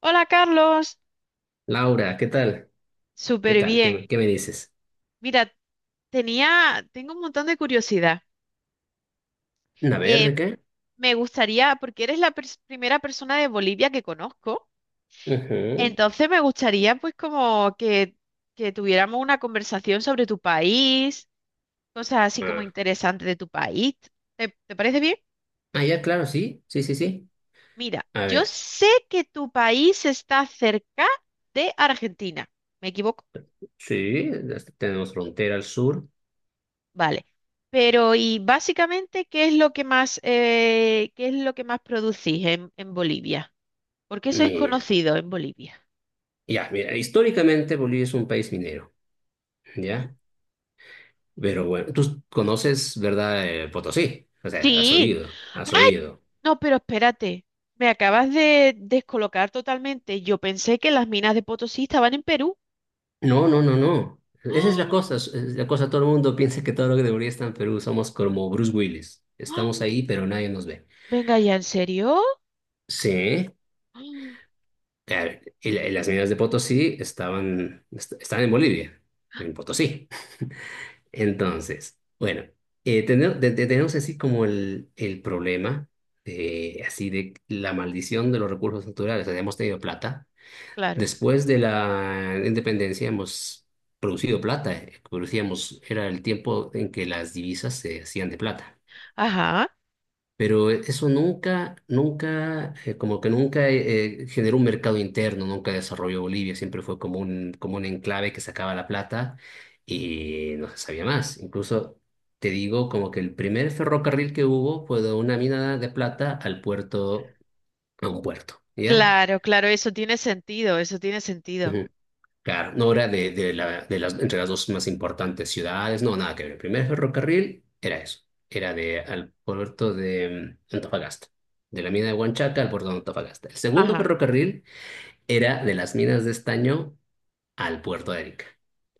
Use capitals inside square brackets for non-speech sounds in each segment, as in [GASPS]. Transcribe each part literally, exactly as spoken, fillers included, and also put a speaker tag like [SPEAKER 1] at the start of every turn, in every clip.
[SPEAKER 1] Hola Carlos,
[SPEAKER 2] Laura, ¿qué tal? ¿Qué
[SPEAKER 1] súper
[SPEAKER 2] tal? ¿Qué, me
[SPEAKER 1] bien.
[SPEAKER 2] qué me dices?
[SPEAKER 1] Mira, tenía, tengo un montón de curiosidad.
[SPEAKER 2] A ver, ¿de
[SPEAKER 1] Eh,
[SPEAKER 2] qué?
[SPEAKER 1] Me gustaría, porque eres la pers- primera persona de Bolivia que conozco,
[SPEAKER 2] Ujú.
[SPEAKER 1] entonces me gustaría pues como que, que tuviéramos una conversación sobre tu país, cosas así como
[SPEAKER 2] Ah,
[SPEAKER 1] interesantes de tu país. ¿Te, te parece bien?
[SPEAKER 2] Ah, ya, claro, sí, sí, sí, sí.
[SPEAKER 1] Mira,
[SPEAKER 2] A
[SPEAKER 1] yo
[SPEAKER 2] ver,
[SPEAKER 1] sé que tu país está cerca de Argentina. ¿Me equivoco?
[SPEAKER 2] sí, hasta tenemos frontera al sur.
[SPEAKER 1] Vale. Pero, y básicamente, ¿qué es lo que más, eh, qué es lo que más producís en, en Bolivia? ¿Por qué sois
[SPEAKER 2] Mira,
[SPEAKER 1] conocidos en Bolivia?
[SPEAKER 2] ya, mira, históricamente Bolivia es un país minero,
[SPEAKER 1] Ujú.
[SPEAKER 2] ¿ya? Pero bueno, tú conoces, ¿verdad? eh, Potosí, o sea, has
[SPEAKER 1] Sí.
[SPEAKER 2] oído,
[SPEAKER 1] ¡Ay!
[SPEAKER 2] has oído.
[SPEAKER 1] No, pero espérate. Me acabas de descolocar totalmente. Yo pensé que las minas de Potosí estaban en Perú.
[SPEAKER 2] No, no, no, no.
[SPEAKER 1] [GASPS]
[SPEAKER 2] Esa es la cosa,
[SPEAKER 1] ¡Ah!
[SPEAKER 2] es la cosa, todo el mundo piensa que todo lo que debería estar en Perú somos como Bruce Willis.
[SPEAKER 1] ¡Ah!
[SPEAKER 2] Estamos ahí, pero nadie nos ve.
[SPEAKER 1] Venga ya, ¿en serio?
[SPEAKER 2] Sí,
[SPEAKER 1] [GASPS] ¡Ah!
[SPEAKER 2] a ver, y, la- y las minas de Potosí estaban, est- estaban en Bolivia, en Potosí. Entonces, bueno, eh, tene- te- te- tenemos así como el, el problema de, así de la maldición de los recursos naturales. O sea, hemos tenido plata.
[SPEAKER 1] Claro.
[SPEAKER 2] Después de la independencia hemos producido plata. eh, Producíamos, era el tiempo en que las divisas se hacían de plata.
[SPEAKER 1] Ajá.
[SPEAKER 2] Pero eso nunca, nunca, eh, como que nunca eh, eh, generó un mercado interno, nunca desarrolló Bolivia, siempre fue como un, como un enclave que sacaba la plata y no se sabía más. Incluso te digo como que el primer ferrocarril que hubo fue de una mina de plata al puerto, a un puerto, ¿ya?
[SPEAKER 1] Claro, claro, eso tiene sentido, eso tiene sentido.
[SPEAKER 2] Claro, no era de, de la- de las, entre las dos más importantes ciudades, no, nada que ver. El primer ferrocarril era eso, era de, al puerto de mm, Antofagasta, de la mina de Huanchaca al puerto de Antofagasta. El segundo
[SPEAKER 1] Ajá,
[SPEAKER 2] ferrocarril era de las minas de estaño al puerto de Arica.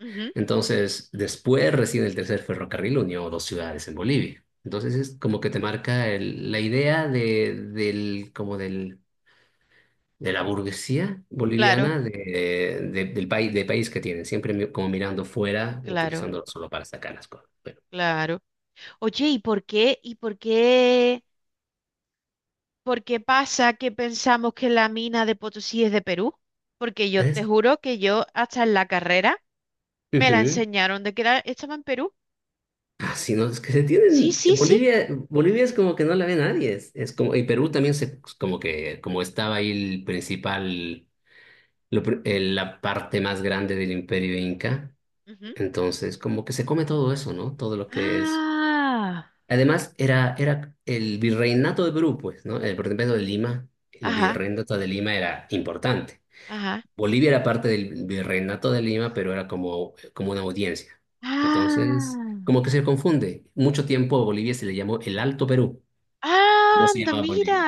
[SPEAKER 1] ujú,
[SPEAKER 2] Entonces, después recién el tercer ferrocarril unió dos ciudades en Bolivia. Entonces es como que te marca el- la idea de, del, como del de la burguesía
[SPEAKER 1] claro,
[SPEAKER 2] boliviana de, de- del país, de país que tienen, siempre mi- como mirando fuera,
[SPEAKER 1] claro,
[SPEAKER 2] utilizándolo solo para sacar las cosas. Bueno,
[SPEAKER 1] claro. Oye, ¿y por qué? ¿Y por qué? ¿Por qué pasa que pensamos que la mina de Potosí es de Perú? Porque yo te
[SPEAKER 2] ¿ves?
[SPEAKER 1] juro que yo hasta en la carrera me la
[SPEAKER 2] Ujú.
[SPEAKER 1] enseñaron de que era- estaba en Perú.
[SPEAKER 2] Ah, sí, no, es que se
[SPEAKER 1] Sí,
[SPEAKER 2] tienen,
[SPEAKER 1] sí, sí.
[SPEAKER 2] Bolivia, Bolivia es como que no la ve nadie, es, es como, y Perú también se, como que, como estaba ahí el principal, lo pr- eh, la parte más grande del imperio inca,
[SPEAKER 1] Ujú.
[SPEAKER 2] entonces como que se come todo eso, ¿no? Todo lo que es.
[SPEAKER 1] Ah,
[SPEAKER 2] Además, era, era el virreinato de Perú, pues, ¿no? El virreinato de Lima, el
[SPEAKER 1] ajá,
[SPEAKER 2] virreinato de Lima era importante.
[SPEAKER 1] ajá.
[SPEAKER 2] Bolivia era parte del virreinato de Lima, pero era como, como una audiencia. Entonces,
[SPEAKER 1] Ah,
[SPEAKER 2] como que se confunde. Mucho tiempo a Bolivia se le llamó el Alto Perú,
[SPEAKER 1] ah,
[SPEAKER 2] no se
[SPEAKER 1] anda,
[SPEAKER 2] llamaba
[SPEAKER 1] mira.
[SPEAKER 2] Bolivia.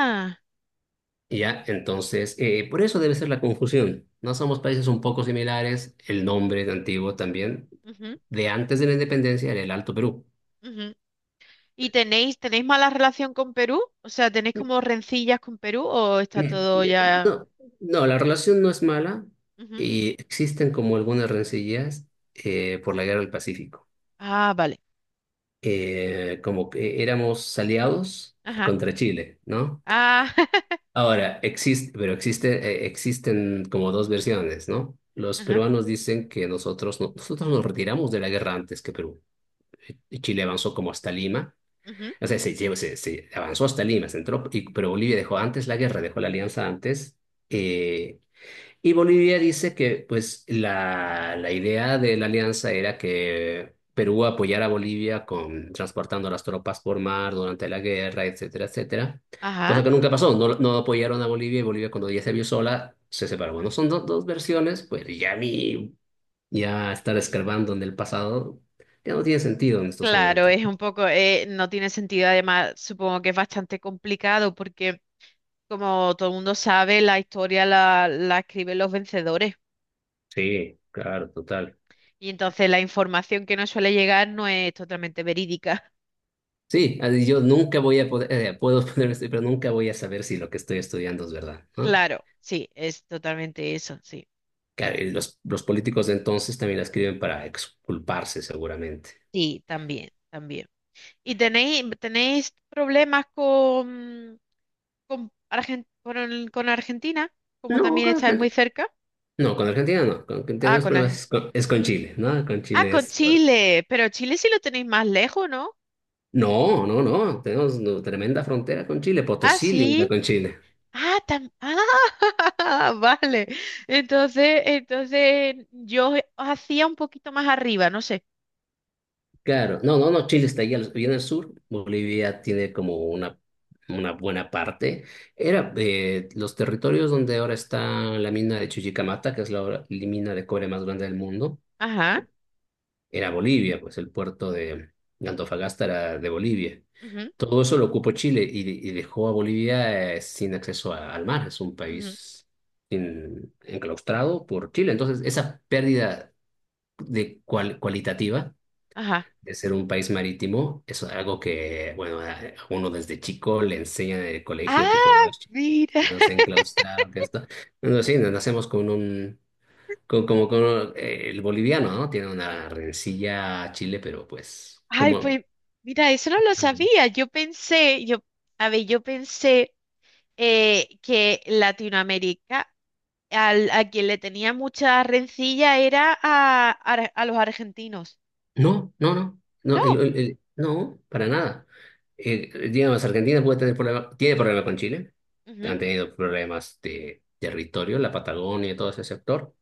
[SPEAKER 2] Ya, entonces, eh, por eso debe ser la confusión. No somos países un poco similares, el nombre es antiguo también. De antes de la independencia era el Alto Perú.
[SPEAKER 1] Ujú, ujú. ¿Y tenéis, tenéis mala relación con Perú? O sea, ¿tenéis como rencillas con Perú o está todo
[SPEAKER 2] Este,
[SPEAKER 1] ya?
[SPEAKER 2] No, no, la relación no es mala
[SPEAKER 1] Ujú.
[SPEAKER 2] y existen como algunas rencillas eh, por la guerra del Pacífico.
[SPEAKER 1] Ah, vale.
[SPEAKER 2] Eh, como que éramos aliados
[SPEAKER 1] Ajá.
[SPEAKER 2] contra Chile, ¿no?
[SPEAKER 1] Ah, [LAUGHS]
[SPEAKER 2] Ahora, existe, pero existe, eh, existen como dos versiones, ¿no? Los
[SPEAKER 1] ajá.
[SPEAKER 2] peruanos dicen que nosotros, no- nosotros nos retiramos de la guerra antes que Perú. Y Chile avanzó como hasta Lima,
[SPEAKER 1] Ujú,
[SPEAKER 2] o sea, se, llevó- se, se avanzó hasta Lima, se entró, y- pero Bolivia dejó antes la guerra, dejó la alianza antes. eh, Y Bolivia dice que pues la, la idea de la alianza era que Perú apoyara a Bolivia con transportando las tropas por mar durante la guerra, etcétera, etcétera.
[SPEAKER 1] ajá,
[SPEAKER 2] Cosa que nunca pasó, no, no apoyaron a Bolivia y Bolivia cuando ya se vio sola se separó. Bueno, son do- dos versiones, pues ya a mí ya estar escarbando en el pasado ya no tiene sentido en estos
[SPEAKER 1] claro,
[SPEAKER 2] momentos.
[SPEAKER 1] es un poco, eh, no tiene sentido, además supongo que es bastante complicado porque como todo el mundo sabe, la historia la, la escriben los vencedores
[SPEAKER 2] Sí, claro, total.
[SPEAKER 1] y entonces la información que nos suele llegar no es totalmente verídica. [LAUGHS]
[SPEAKER 2] Sí, así yo nunca voy a poder, eh, puedo [LAUGHS] poner esto, pero nunca voy a saber si lo que estoy estudiando es verdad, ¿no?
[SPEAKER 1] Claro, sí, es totalmente eso, sí.
[SPEAKER 2] Claro, y los, los políticos de entonces también la escriben para exculparse, seguramente.
[SPEAKER 1] Sí, también, también. ¿Y tenéis, tenéis problemas con, con, Argen- con, con Argentina? Como
[SPEAKER 2] No,
[SPEAKER 1] también
[SPEAKER 2] con
[SPEAKER 1] estáis muy
[SPEAKER 2] Argentina,
[SPEAKER 1] cerca.
[SPEAKER 2] no, con Argentina no. Con, con-
[SPEAKER 1] Ah,
[SPEAKER 2] tenemos
[SPEAKER 1] con
[SPEAKER 2] problemas
[SPEAKER 1] Argentina.
[SPEAKER 2] es con, es con Chile, ¿no? Con
[SPEAKER 1] Ah,
[SPEAKER 2] Chile
[SPEAKER 1] con
[SPEAKER 2] es fuerte.
[SPEAKER 1] Chile, pero Chile sí lo tenéis más lejos, ¿no?
[SPEAKER 2] No, no, no. Tenemos no, tremenda frontera con Chile.
[SPEAKER 1] Ah,
[SPEAKER 2] Potosí limita
[SPEAKER 1] sí.
[SPEAKER 2] con Chile.
[SPEAKER 1] Ah, tam- ah, [LAUGHS] vale. Entonces, entonces yo hacía un poquito más arriba, no sé.
[SPEAKER 2] Claro. No, no, no. Chile está allá al- bien al sur. Bolivia tiene como una, una buena parte. Era eh, los territorios donde ahora está la mina de Chuquicamata, que es la, hora- la mina de cobre más grande del mundo.
[SPEAKER 1] Ajá,
[SPEAKER 2] Era Bolivia, pues el puerto de, de Antofagasta era de Bolivia.
[SPEAKER 1] ujú,
[SPEAKER 2] Todo eso lo ocupó Chile y, y dejó a Bolivia eh, sin acceso a- al mar. Es un
[SPEAKER 1] ujú,
[SPEAKER 2] país sin- enclaustrado por Chile. Entonces, esa pérdida de cual- cualitativa
[SPEAKER 1] ajá.
[SPEAKER 2] de ser un país marítimo es algo que, bueno, a a uno desde chico le enseñan en el colegio que fueron
[SPEAKER 1] Ah,
[SPEAKER 2] las chicas
[SPEAKER 1] mira.
[SPEAKER 2] que nos
[SPEAKER 1] [LAUGHS]
[SPEAKER 2] enclaustraron, que esto. No, sí, nos nacemos con un, co- Como, como, eh, el boliviano, ¿no? Tiene una rencilla a Chile, pero pues,
[SPEAKER 1] Ay,
[SPEAKER 2] como,
[SPEAKER 1] pues mira, eso no lo sabía. Yo pensé, yo, a ver, yo pensé eh, que Latinoamérica, al- a quien le tenía mucha rencilla era a, a- a los argentinos.
[SPEAKER 2] no, no, no, no, el-
[SPEAKER 1] No.
[SPEAKER 2] el- el- no, para nada. Eh, digamos, Argentina puede tener problema, tiene problemas con Chile, han tenido problemas de territorio, la Patagonia, todo ese sector.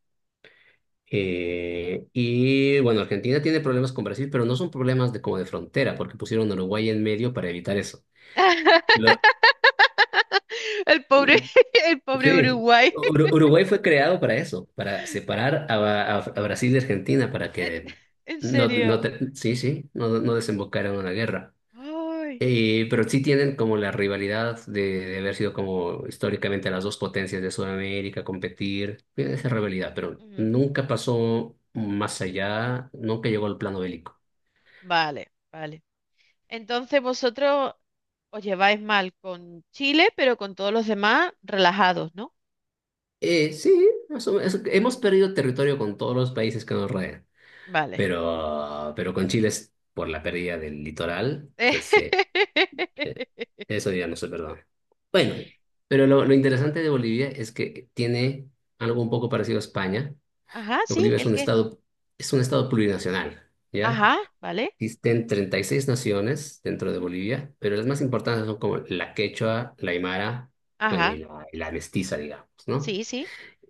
[SPEAKER 2] Eh, y bueno, Argentina tiene problemas con Brasil, pero no son problemas de como de frontera, porque pusieron a Uruguay en medio para evitar eso. Lo-
[SPEAKER 1] [LAUGHS] El pobre, [LAUGHS] el pobre
[SPEAKER 2] Sí,
[SPEAKER 1] Uruguay. [LAUGHS]
[SPEAKER 2] Ur- Uruguay fue creado para eso, para separar a, a- a Brasil de Argentina, para
[SPEAKER 1] En
[SPEAKER 2] que
[SPEAKER 1] en
[SPEAKER 2] no, no
[SPEAKER 1] serio.
[SPEAKER 2] te- sí, sí, no, no desembocaran en una guerra.
[SPEAKER 1] Ay.
[SPEAKER 2] Eh, pero sí tienen como la rivalidad de, de haber sido como históricamente las dos potencias de Sudamérica, competir, tienen esa
[SPEAKER 1] Ujú,
[SPEAKER 2] rivalidad, pero
[SPEAKER 1] ujú.
[SPEAKER 2] nunca pasó más allá, nunca llegó al plano bélico.
[SPEAKER 1] Vale, vale. Entonces vosotros os lleváis mal con Chile, pero con todos los demás relajados, ¿no?
[SPEAKER 2] Eh, sí, más o menos, hemos perdido territorio con todos los países que nos rodean.
[SPEAKER 1] Vale.
[SPEAKER 2] Pero, pero con Chile es por la pérdida del litoral, ese, eh,
[SPEAKER 1] [LAUGHS]
[SPEAKER 2] eso ya no se perdona. Bueno, pero lo, lo interesante de Bolivia es que tiene algo un poco parecido a España.
[SPEAKER 1] Ajá, sí,
[SPEAKER 2] Bolivia es
[SPEAKER 1] ¿el
[SPEAKER 2] un
[SPEAKER 1] qué?
[SPEAKER 2] estado, es un estado plurinacional, ¿ya?
[SPEAKER 1] Ajá, vale,
[SPEAKER 2] Existen treinta y seis naciones dentro de
[SPEAKER 1] ujú,
[SPEAKER 2] Bolivia, pero las más importantes son como la quechua, la aymara, bueno, y
[SPEAKER 1] ajá,
[SPEAKER 2] la, y la mestiza, digamos, ¿no?
[SPEAKER 1] sí, sí.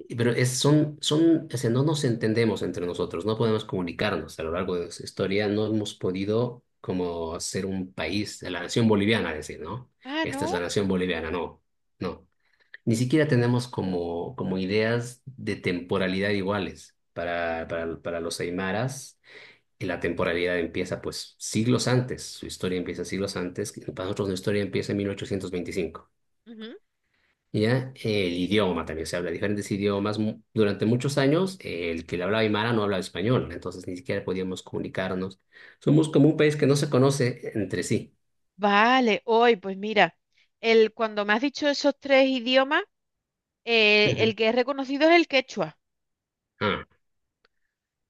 [SPEAKER 2] Y- Pero es, son, son, o sea, no nos entendemos entre nosotros, no podemos comunicarnos a lo largo de nuestra historia, no hemos podido como ser un país, la nación boliviana, decir, ¿no?
[SPEAKER 1] Ah,
[SPEAKER 2] Esta es
[SPEAKER 1] no.
[SPEAKER 2] la nación boliviana, no, no. Ni siquiera tenemos como, como ideas de temporalidad iguales. Para, para, para los aymaras, y la temporalidad empieza pues siglos antes, su historia empieza siglos antes, para nosotros nuestra historia empieza en mil ochocientos veinticinco,
[SPEAKER 1] Ujú.
[SPEAKER 2] ¿ya? El idioma también se habla diferentes idiomas. Mu- Durante muchos años, eh, el que le hablaba Aymara no hablaba español, entonces ni siquiera podíamos comunicarnos. Somos como un país que no se conoce entre sí.
[SPEAKER 1] Vale, hoy, pues mira, el, cuando me has dicho esos tres idiomas, eh, el
[SPEAKER 2] Ujú.
[SPEAKER 1] que es reconocido es el quechua,
[SPEAKER 2] Ah,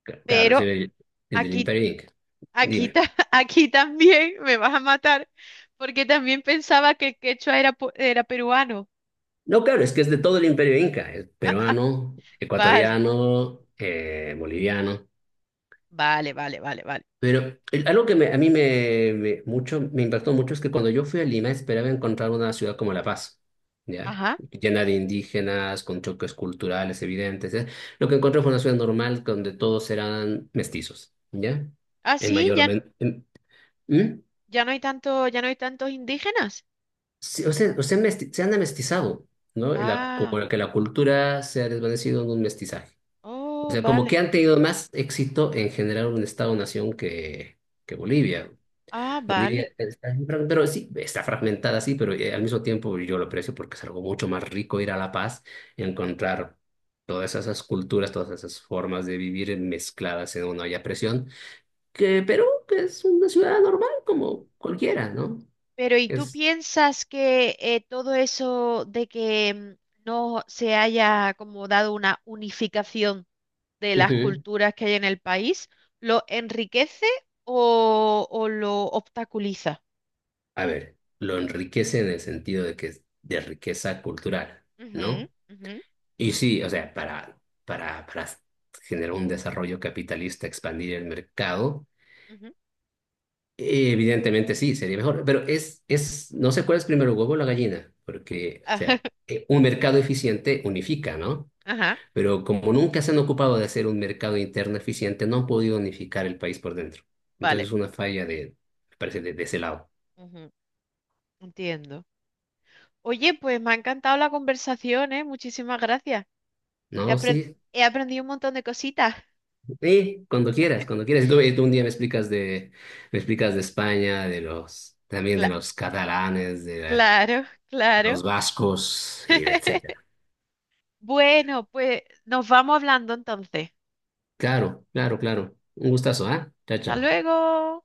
[SPEAKER 2] c- claro, es
[SPEAKER 1] pero
[SPEAKER 2] el, el del
[SPEAKER 1] aquí,
[SPEAKER 2] Imperio Inca.
[SPEAKER 1] aquí, ta-
[SPEAKER 2] Dime.
[SPEAKER 1] [LAUGHS] aquí también me vas a matar, porque también pensaba que el quechua era, pu- era peruano.
[SPEAKER 2] No, claro, es que es de todo el Imperio Inca, es peruano,
[SPEAKER 1] Vale,
[SPEAKER 2] ecuatoriano, eh, boliviano.
[SPEAKER 1] vale, vale, vale, vale.
[SPEAKER 2] Pero el- algo que me- a mí me, me- mucho, me impactó mucho es que cuando yo fui a Lima esperaba encontrar una ciudad como La Paz, ¿ya?
[SPEAKER 1] Ajá.
[SPEAKER 2] Llena de indígenas, con choques culturales evidentes, ¿eh? Lo que encontré fue una ciudad normal donde todos eran mestizos, ¿ya?
[SPEAKER 1] Ah,
[SPEAKER 2] En
[SPEAKER 1] sí,
[SPEAKER 2] mayor o
[SPEAKER 1] ya,
[SPEAKER 2] men- en- ¿Mm?
[SPEAKER 1] ya no hay tanto, ya no hay tantos indígenas.
[SPEAKER 2] Sí, o sea, o sea, mesti- se han amestizado, ¿no? La-
[SPEAKER 1] Ah,
[SPEAKER 2] como que la cultura se ha desvanecido en un mestizaje. O
[SPEAKER 1] oh,
[SPEAKER 2] sea, como que
[SPEAKER 1] vale.
[SPEAKER 2] han tenido más éxito en generar un Estado-nación que, que Bolivia.
[SPEAKER 1] Ah,
[SPEAKER 2] Bolivia
[SPEAKER 1] vale.
[SPEAKER 2] está, pero sí, está fragmentada, sí, pero eh, al mismo tiempo yo lo aprecio porque es algo mucho más rico ir a La Paz y encontrar todas esas culturas, todas esas formas de vivir mezcladas en una olla a presión, que Perú que es una ciudad normal como cualquiera, ¿no?
[SPEAKER 1] Pero ¿y tú
[SPEAKER 2] Es,
[SPEAKER 1] piensas que eh, todo eso de que mm, no se haya como dado una unificación de las
[SPEAKER 2] Ujú.
[SPEAKER 1] culturas que hay en el país, lo enriquece o, o lo obstaculiza?
[SPEAKER 2] A ver, lo enriquece en el sentido de que es de riqueza cultural,
[SPEAKER 1] Ujú,
[SPEAKER 2] ¿no?
[SPEAKER 1] ujú,
[SPEAKER 2] Y sí, o sea, para, para, para generar un desarrollo capitalista, expandir el mercado.
[SPEAKER 1] ujú.
[SPEAKER 2] Eh, Evidentemente sí, sería mejor, pero es, es, no sé cuál es primero, el huevo o la gallina, porque, o
[SPEAKER 1] Ajá,
[SPEAKER 2] sea, eh, un mercado eficiente unifica, ¿no?
[SPEAKER 1] [LAUGHS] ajá,
[SPEAKER 2] Pero como nunca se han ocupado de hacer un mercado interno eficiente, no han podido unificar el país por dentro. Entonces
[SPEAKER 1] vale,
[SPEAKER 2] es una falla de, me parece, de, de ese lado.
[SPEAKER 1] ujú, entiendo. Oye, pues me ha encantado la conversación, ¿eh? Muchísimas gracias. He
[SPEAKER 2] No,
[SPEAKER 1] apren-
[SPEAKER 2] sí,
[SPEAKER 1] he aprendido un montón de cositas.
[SPEAKER 2] sí, cuando quieras, cuando quieras. Y Tú, y tú un día me explicas de, me explicas de España, de los, también de
[SPEAKER 1] Cla-
[SPEAKER 2] los catalanes, de la-
[SPEAKER 1] claro, claro.
[SPEAKER 2] los vascos y de
[SPEAKER 1] [LAUGHS]
[SPEAKER 2] etcétera.
[SPEAKER 1] Bueno, pues nos vamos hablando entonces.
[SPEAKER 2] Claro, claro, claro. Un gustazo, ¿ah? Chao,
[SPEAKER 1] Hasta
[SPEAKER 2] chao.
[SPEAKER 1] luego.